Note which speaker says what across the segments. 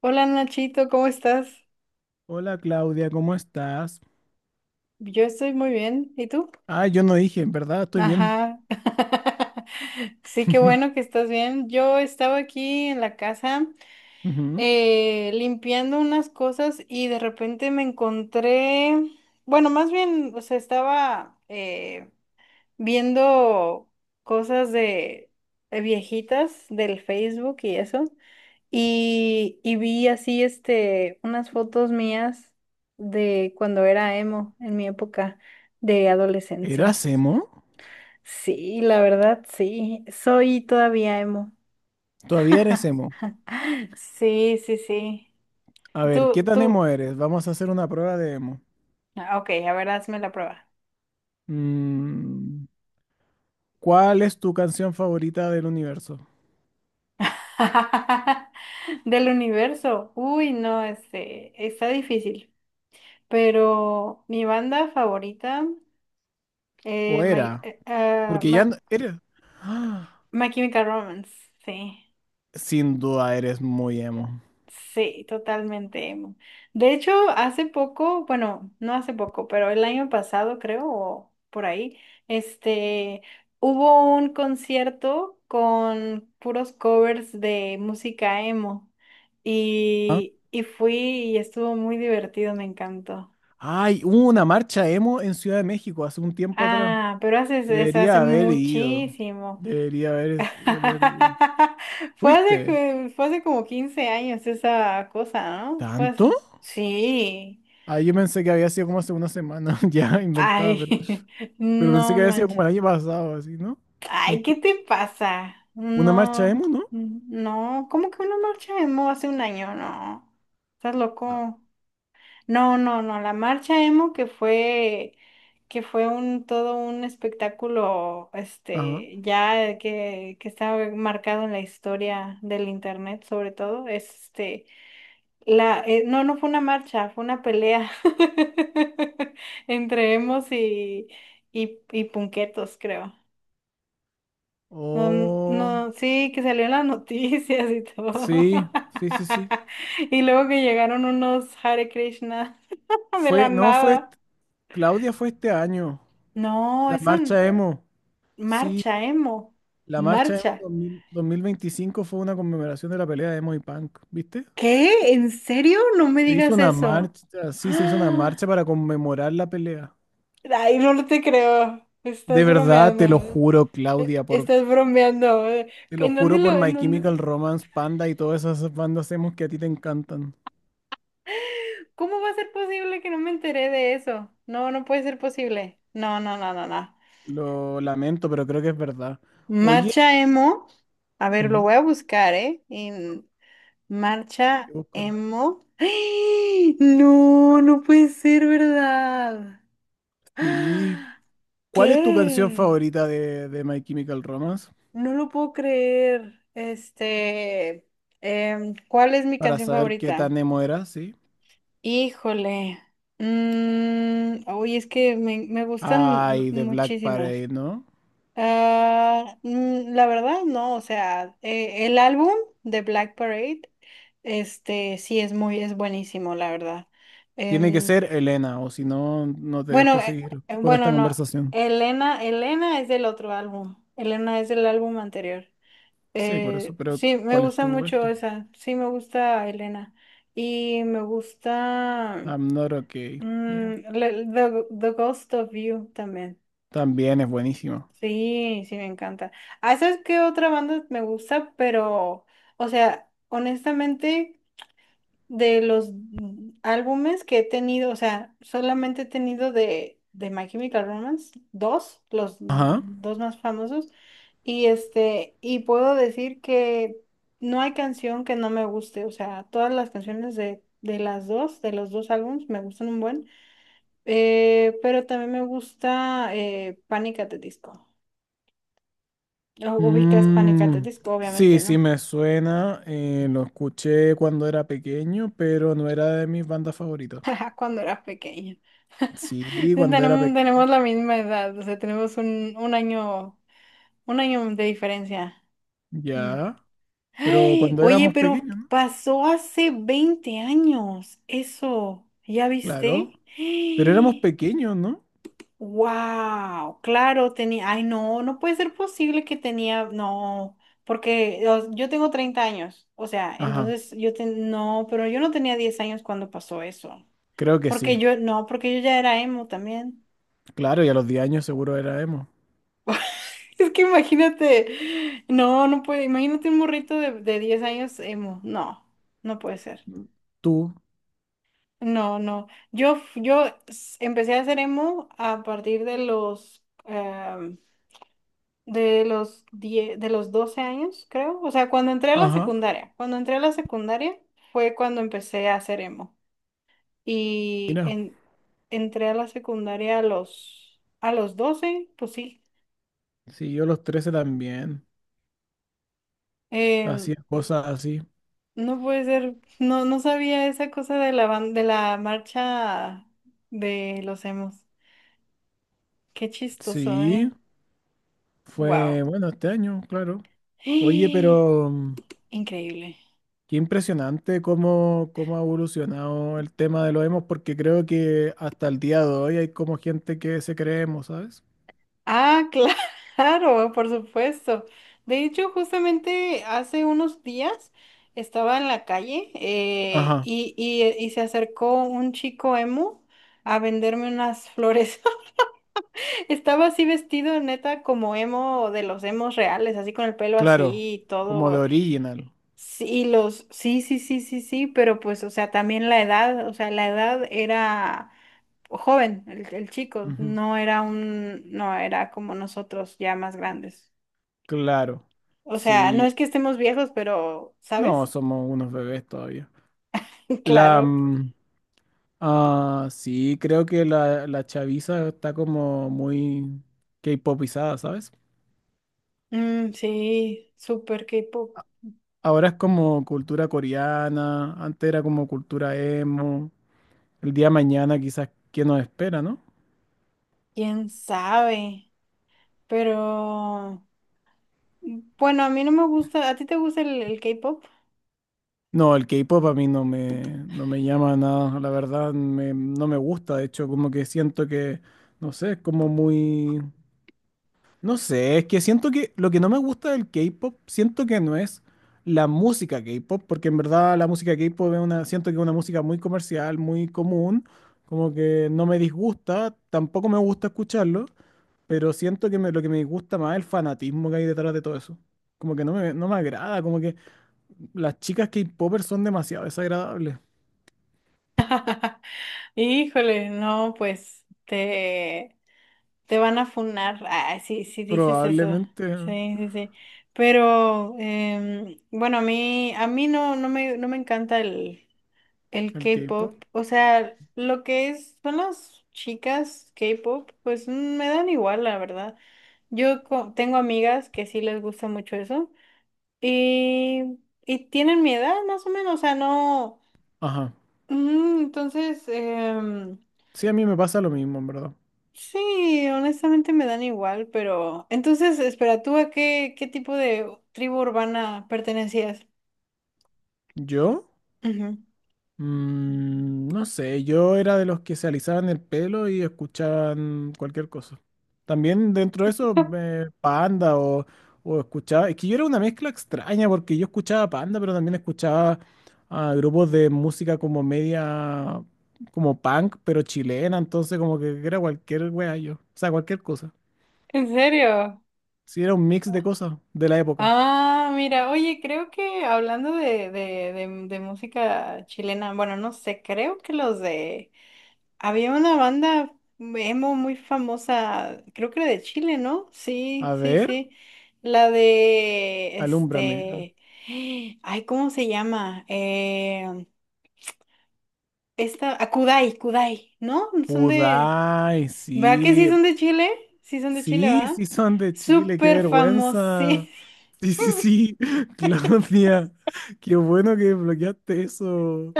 Speaker 1: Hola Nachito, ¿cómo estás?
Speaker 2: Hola Claudia, ¿cómo estás?
Speaker 1: Yo estoy muy bien. ¿Y tú?
Speaker 2: Ah, yo no dije, en verdad, estoy bien.
Speaker 1: Ajá. Sí, qué bueno que estás bien. Yo estaba aquí en la casa
Speaker 2: Ujú.
Speaker 1: limpiando unas cosas y de repente me encontré, bueno, más bien, o sea, estaba viendo cosas de viejitas del Facebook y eso. Y vi así unas fotos mías de cuando era emo, en mi época de adolescencia.
Speaker 2: ¿Eras emo?
Speaker 1: Sí, la verdad, sí. Soy todavía emo.
Speaker 2: Todavía eres emo.
Speaker 1: Sí, sí, sí.
Speaker 2: A ver, ¿qué
Speaker 1: Tú,
Speaker 2: tan
Speaker 1: tú.
Speaker 2: emo eres? Vamos a hacer una prueba de emo.
Speaker 1: Ah, ok, a ver, hazme la prueba.
Speaker 2: Mm, ¿Cuál es tu canción favorita del universo?
Speaker 1: Del universo. Uy, no, está difícil. Pero mi banda favorita,
Speaker 2: ¿O
Speaker 1: eh,
Speaker 2: era?
Speaker 1: My, eh, ah,
Speaker 2: Porque ya
Speaker 1: Ma-
Speaker 2: no, eres... ¡Ah!
Speaker 1: My Chemical Romance, sí.
Speaker 2: Sin duda eres muy emo.
Speaker 1: Sí, totalmente, emo. De hecho, hace poco, bueno, no hace poco, pero el año pasado creo, o por ahí, este, hubo un concierto con puros covers de música emo
Speaker 2: ¿Ah?
Speaker 1: y fui y estuvo muy divertido, me encantó.
Speaker 2: Ay, hubo una marcha emo en Ciudad de México hace un tiempo atrás.
Speaker 1: Ah, pero hace, hace
Speaker 2: Debería haber ido.
Speaker 1: muchísimo.
Speaker 2: Debería haber, haber ido.
Speaker 1: Fue hace,
Speaker 2: ¿Fuiste?
Speaker 1: fue hace como 15 años esa cosa, ¿no? Fue
Speaker 2: ¿Tanto?
Speaker 1: hace. Sí.
Speaker 2: Ah, yo pensé que había sido como hace una semana, ya inventada,
Speaker 1: Ay,
Speaker 2: pero pensé
Speaker 1: no
Speaker 2: que había sido
Speaker 1: manches.
Speaker 2: como el año pasado, así, ¿no?
Speaker 1: Ay, ¿qué
Speaker 2: Mentira.
Speaker 1: te pasa?
Speaker 2: Una marcha
Speaker 1: No,
Speaker 2: emo, ¿no?
Speaker 1: no, ¿cómo que una marcha emo hace un año? No, estás
Speaker 2: Ah.
Speaker 1: loco. No, no, no, la marcha emo que fue, todo un espectáculo,
Speaker 2: Ajá.
Speaker 1: ya que está marcado en la historia del internet, sobre todo, No, no fue una marcha, fue una pelea entre emos y, y punquetos, creo. No,
Speaker 2: Oh,
Speaker 1: no, sí, que salió en las noticias y todo.
Speaker 2: sí, sí, sí, sí.
Speaker 1: Y luego que llegaron unos Hare Krishna de la
Speaker 2: Fue, no, fue,
Speaker 1: nada.
Speaker 2: est- Claudia fue este año.
Speaker 1: No,
Speaker 2: La
Speaker 1: es un
Speaker 2: marcha emo. Sí,
Speaker 1: marcha, emo.
Speaker 2: la marcha emo
Speaker 1: Marcha.
Speaker 2: 2000 2025 fue una conmemoración de la pelea de emo y punk, ¿viste?
Speaker 1: ¿Qué? ¿En serio? No me
Speaker 2: Se hizo
Speaker 1: digas
Speaker 2: una
Speaker 1: eso.
Speaker 2: marcha, sí, se hizo una marcha para conmemorar la pelea.
Speaker 1: Ay, no te creo.
Speaker 2: De
Speaker 1: Estás
Speaker 2: verdad, te lo
Speaker 1: bromeando.
Speaker 2: juro, Claudia, por
Speaker 1: Estás bromeando.
Speaker 2: Te lo
Speaker 1: ¿En dónde
Speaker 2: juro por
Speaker 1: lo, En
Speaker 2: My
Speaker 1: dónde?
Speaker 2: Chemical Romance, Panda y todas esas bandas emos que a ti te encantan.
Speaker 1: ¿Cómo va a ser posible que no me enteré de eso? No, no puede ser posible. No, no, no, no, no.
Speaker 2: Lo lamento, pero creo que es verdad. Oye,
Speaker 1: Marcha emo. A ver, lo
Speaker 2: ujú,
Speaker 1: voy a buscar, ¿eh? En
Speaker 2: sí,
Speaker 1: marcha
Speaker 2: búscalo.
Speaker 1: emo. ¡Ay! No, no puede ser verdad.
Speaker 2: Sí.
Speaker 1: ¡Ah!
Speaker 2: ¿Cuál es tu canción
Speaker 1: ¿Qué?
Speaker 2: favorita de My Chemical Romance?
Speaker 1: No lo puedo creer. ¿Cuál es mi
Speaker 2: Para
Speaker 1: canción
Speaker 2: saber qué
Speaker 1: favorita?
Speaker 2: tan emo era, ¿sí?
Speaker 1: Híjole. Es que me gustan
Speaker 2: Ay, de Black
Speaker 1: muchísimas.
Speaker 2: Parade, ¿no?
Speaker 1: Ah, la verdad, no, o sea, el álbum de Black Parade, sí es buenísimo, la verdad.
Speaker 2: Tiene que
Speaker 1: Em,
Speaker 2: ser Elena, o si no, no te
Speaker 1: bueno,
Speaker 2: dejo seguir con esta
Speaker 1: bueno, no,
Speaker 2: conversación.
Speaker 1: Elena es del otro álbum, Elena es del álbum anterior.
Speaker 2: Sí, por eso, pero
Speaker 1: Sí, me
Speaker 2: ¿cuál es
Speaker 1: gusta
Speaker 2: tu
Speaker 1: mucho
Speaker 2: esto?
Speaker 1: esa, sí me gusta Elena y me gusta.
Speaker 2: I'm not okay. Yeah.
Speaker 1: The Ghost of You también.
Speaker 2: También es buenísimo.
Speaker 1: Sí, sí, me encanta. Ah, ¿sabes qué otra banda me gusta? Pero, o sea, honestamente, de los álbumes que he tenido, o sea, solamente he tenido de My Chemical Romance, dos, los
Speaker 2: Ajá.
Speaker 1: dos más famosos, y y puedo decir que no hay canción que no me guste, o sea, todas las canciones de de los dos álbumes, me gustan un buen. Pero también me gusta Panic! At the Disco. Ubicas Panic! At the
Speaker 2: Mm,
Speaker 1: Disco,
Speaker 2: sí,
Speaker 1: obviamente,
Speaker 2: sí
Speaker 1: ¿no?
Speaker 2: me suena. Lo escuché cuando era pequeño, pero no era de mis bandas favoritas.
Speaker 1: Cuando eras pequeño.
Speaker 2: Sí, cuando era
Speaker 1: Tenemos,
Speaker 2: pequeño.
Speaker 1: tenemos la misma edad, o sea, tenemos un año, un año de diferencia. Mm.
Speaker 2: Ya. Pero
Speaker 1: Ay,
Speaker 2: cuando
Speaker 1: oye,
Speaker 2: éramos
Speaker 1: pero
Speaker 2: pequeños, ¿no?
Speaker 1: pasó hace 20 años. Eso, ¿ya
Speaker 2: Claro.
Speaker 1: viste?
Speaker 2: Pero éramos pequeños, ¿no?
Speaker 1: Wow, claro, tenía, ay no, no puede ser posible que tenía, no, porque yo tengo 30 años, o sea,
Speaker 2: Ajá.
Speaker 1: entonces no, pero yo no tenía 10 años cuando pasó eso,
Speaker 2: Creo que
Speaker 1: porque
Speaker 2: sí.
Speaker 1: yo, no, porque yo ya era emo también.
Speaker 2: Claro, y a los 10 años seguro era emo.
Speaker 1: Es que imagínate, no, no puede, imagínate un morrito de 10 años emo, no, no puede ser.
Speaker 2: Tú.
Speaker 1: No, no, yo, f- yo s- empecé a hacer emo a partir de los 10, de los 12 años, creo. O sea, cuando entré a la
Speaker 2: Ajá.
Speaker 1: secundaria, cuando entré a la secundaria fue cuando empecé a hacer emo. Y
Speaker 2: Mira.
Speaker 1: entré a la secundaria a los, 12 pues sí.
Speaker 2: Sí, yo a los 13 también.
Speaker 1: Em,
Speaker 2: Hacía cosas así.
Speaker 1: no puede ser, no, no sabía esa cosa de la marcha de los emos. Qué chistoso,
Speaker 2: Sí.
Speaker 1: ¿eh? Wow.
Speaker 2: Fue, bueno, este año, claro. Oye, pero...
Speaker 1: Increíble.
Speaker 2: Qué impresionante cómo, cómo ha evolucionado el tema de los emos, porque creo que hasta el día de hoy hay como gente que se cree emo, ¿sabes?
Speaker 1: Ah, claro, por supuesto. De hecho, justamente hace unos días estaba en la calle
Speaker 2: Ajá,
Speaker 1: y se acercó un chico emo a venderme unas flores. Estaba así vestido, neta, como emo de los emos reales, así con el pelo
Speaker 2: claro,
Speaker 1: así y
Speaker 2: como de
Speaker 1: todo.
Speaker 2: original.
Speaker 1: Sí, sí, sí, sí, sí, sí, pero pues, o sea, también la edad, o sea, la edad era joven, el chico,
Speaker 2: Ujú,
Speaker 1: no era como nosotros ya más grandes.
Speaker 2: claro,
Speaker 1: O sea, no
Speaker 2: sí,
Speaker 1: es que estemos viejos, pero,
Speaker 2: no,
Speaker 1: ¿sabes?
Speaker 2: somos unos bebés todavía. La,
Speaker 1: Claro.
Speaker 2: mm, sí, creo que la chaviza está como muy K-popizada, ¿sabes?
Speaker 1: Mm, sí, super K-pop,
Speaker 2: Ahora es como cultura coreana, antes era como cultura emo. El día de mañana quizás, ¿qué nos espera, no?
Speaker 1: quién sabe, pero, bueno, a mí no me gusta. ¿A ti te gusta el K-pop?
Speaker 2: No, el K-pop a mí no me, no me llama nada, la verdad, no me gusta, de hecho, como que siento que, no sé, es como muy, no sé, es que siento que lo que no me gusta del K-pop, siento que no es la música K-pop, porque en verdad la música K-pop es una, siento que es una música muy comercial, muy común, como que no me disgusta, tampoco me gusta escucharlo, pero siento que lo que me disgusta más es el fanatismo que hay detrás de todo eso, como que no me agrada, las chicas K-popers son demasiado desagradables.
Speaker 1: Híjole, no, pues, Te van a funar. Ah, sí, sí dices eso.
Speaker 2: Probablemente
Speaker 1: Sí, sí, sí. Pero bueno, a mí no me encanta el
Speaker 2: el
Speaker 1: K-pop.
Speaker 2: K-pop.
Speaker 1: O sea, lo que es, son las chicas K-pop, pues me dan igual, la verdad. Yo tengo amigas que sí les gusta mucho eso. Y, y tienen mi edad, más o menos. O sea, no.
Speaker 2: Ajá.
Speaker 1: Entonces,
Speaker 2: Sí, a mí me pasa lo mismo, en verdad.
Speaker 1: sí, honestamente me dan igual, pero entonces, espera, ¿tú qué tipo de tribu urbana pertenecías?
Speaker 2: ¿Yo?
Speaker 1: Ujú.
Speaker 2: No sé, yo era de los que se alisaban el pelo y escuchaban cualquier cosa. También dentro de eso, Panda o escuchaba... Es que yo era una mezcla extraña porque yo escuchaba Panda, pero también escuchaba a grupos de música como media... como punk, pero chilena, entonces como que era cualquier wea yo. O sea, cualquier cosa.
Speaker 1: ¿En serio?
Speaker 2: Sí, era un mix de cosas de la época.
Speaker 1: Ah, mira, oye, creo que hablando de música chilena, bueno, no sé, creo que los de. Había una banda emo muy famosa, creo que era de Chile, ¿no?
Speaker 2: A
Speaker 1: Sí, sí,
Speaker 2: ver,
Speaker 1: sí. La de,
Speaker 2: alúmbrame. Ah,
Speaker 1: este... Ay, ¿cómo se llama? Esta, a Kudai, Kudai, ¿no? Son de.
Speaker 2: Kudai,
Speaker 1: ¿Va que sí
Speaker 2: sí.
Speaker 1: son de Chile? Sí son de Chile,
Speaker 2: Sí,
Speaker 1: ¿va?
Speaker 2: sí son de Chile, qué
Speaker 1: Súper famosos.
Speaker 2: vergüenza. Sí, sí, sí, Claudia, qué bueno que bloqueaste eso.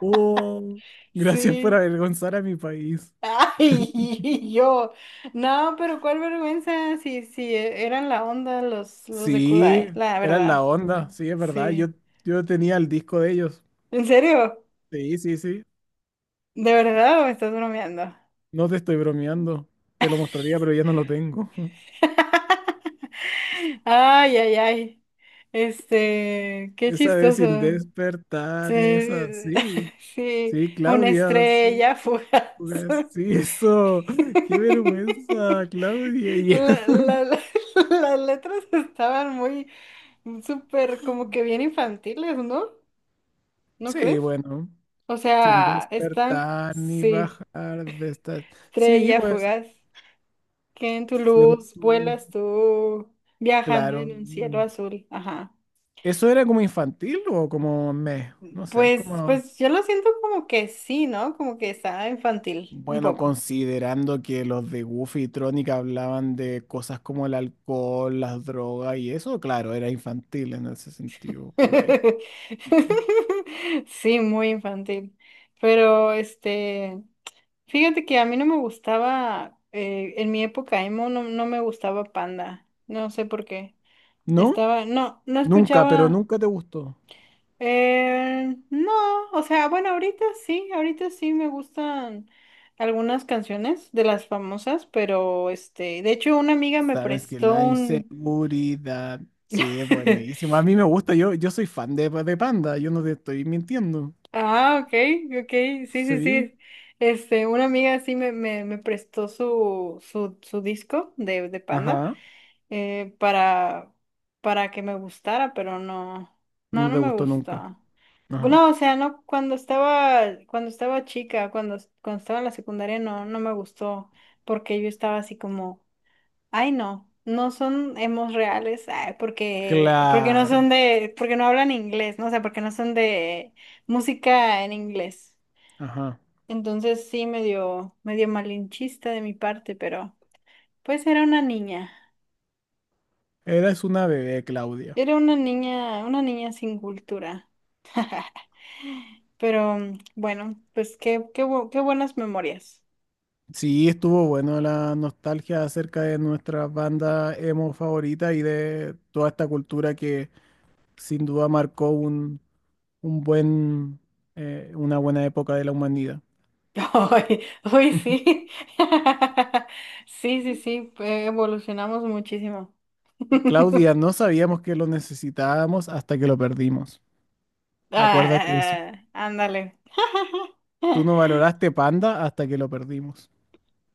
Speaker 2: Oh, gracias por
Speaker 1: Sí.
Speaker 2: avergonzar a mi país.
Speaker 1: Ay, yo. No, pero cuál vergüenza. Sí, sí, eran la onda los de
Speaker 2: Sí,
Speaker 1: Kudai, la
Speaker 2: eran la
Speaker 1: verdad.
Speaker 2: onda, sí, es verdad.
Speaker 1: Sí.
Speaker 2: Yo tenía el disco de ellos.
Speaker 1: ¿En serio?
Speaker 2: Sí, sí, sí.
Speaker 1: ¿De verdad o me estás bromeando?
Speaker 2: No te estoy bromeando. Te lo mostraría, pero ya no lo tengo.
Speaker 1: Ay, ay, ay. Qué
Speaker 2: Esa vez
Speaker 1: chistoso.
Speaker 2: sin
Speaker 1: Sí,
Speaker 2: despertar, ni es así.
Speaker 1: sí,
Speaker 2: Sí,
Speaker 1: una
Speaker 2: Claudia, sí,
Speaker 1: estrella fugaz.
Speaker 2: pues, sí, eso. Qué vergüenza, Claudia. Y-
Speaker 1: La- la- la- las letras estaban súper, como que bien infantiles, ¿no? ¿No
Speaker 2: Sí,
Speaker 1: crees?
Speaker 2: bueno,
Speaker 1: O
Speaker 2: sin
Speaker 1: sea,
Speaker 2: despertar ni
Speaker 1: sí,
Speaker 2: bajar de esta. Sí,
Speaker 1: estrella
Speaker 2: pues,
Speaker 1: fugaz, que en tu luz
Speaker 2: siento,
Speaker 1: vuelas tú, viajando
Speaker 2: claro.
Speaker 1: en un cielo
Speaker 2: Mm.
Speaker 1: azul. Ajá.
Speaker 2: Eso era como infantil o como me, no sé,
Speaker 1: Pues,
Speaker 2: como.
Speaker 1: pues yo lo siento como que sí, ¿no? Como que está infantil, un
Speaker 2: Bueno,
Speaker 1: poco.
Speaker 2: considerando que los de Goofy y Tronic hablaban de cosas como el alcohol, las drogas y eso, claro, era infantil en ese sentido, Kudai.
Speaker 1: Sí, muy infantil. Pero fíjate que a mí no me gustaba, en mi época emo no, no me gustaba Panda. No sé por qué.
Speaker 2: ¿No?
Speaker 1: No, no
Speaker 2: Nunca, pero
Speaker 1: escuchaba.
Speaker 2: nunca te gustó.
Speaker 1: No, o sea, bueno, ahorita sí me gustan algunas canciones de las famosas, pero de hecho una amiga me
Speaker 2: Sabes que
Speaker 1: prestó
Speaker 2: la
Speaker 1: un.
Speaker 2: inseguridad, sí, es buenísimo. A mí me gusta, yo soy fan de, Panda, yo no te estoy mintiendo.
Speaker 1: Ah, ok, ok, sí, sí,
Speaker 2: Sí,
Speaker 1: sí. Una amiga sí me prestó su disco de Panda
Speaker 2: ajá,
Speaker 1: para, que me gustara, pero no, no,
Speaker 2: no
Speaker 1: no
Speaker 2: te
Speaker 1: me
Speaker 2: gustó nunca.
Speaker 1: gusta.
Speaker 2: Ajá,
Speaker 1: No, o sea, no, cuando estaba chica, cuando estaba en la secundaria, no, no me gustó, porque yo estaba así como. Ay, no, no son hemos reales, ay, porque no son
Speaker 2: claro,
Speaker 1: de, porque no hablan inglés, ¿no? O sea, porque no son de música en inglés.
Speaker 2: ajá.
Speaker 1: Entonces sí, medio malinchista de mi parte, pero pues era una niña.
Speaker 2: Eres una bebé,
Speaker 1: Era una niña sin cultura. Pero bueno, pues qué buenas memorias.
Speaker 2: sí, estuvo bueno la nostalgia acerca de nuestra banda emo favorita y de toda esta cultura que sin duda marcó un buen, una buena época de la humanidad.
Speaker 1: Hoy, hoy sí. Sí, sí, sí, evolucionamos muchísimo.
Speaker 2: Claudia, no sabíamos que lo necesitábamos hasta que lo perdimos. Acuérdate de eso.
Speaker 1: Ah, ándale.
Speaker 2: Tú no valoraste Panda hasta que lo perdimos.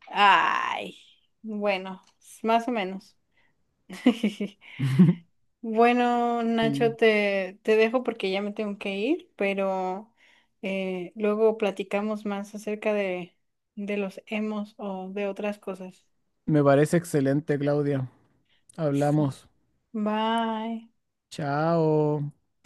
Speaker 1: Ay, bueno, más o menos. Bueno, Nacho,
Speaker 2: Sí.
Speaker 1: te dejo porque ya me tengo que ir, pero luego platicamos más acerca de los emos o de otras cosas.
Speaker 2: Me parece excelente, Claudia.
Speaker 1: Sí.
Speaker 2: Hablamos.
Speaker 1: Bye.
Speaker 2: Chao.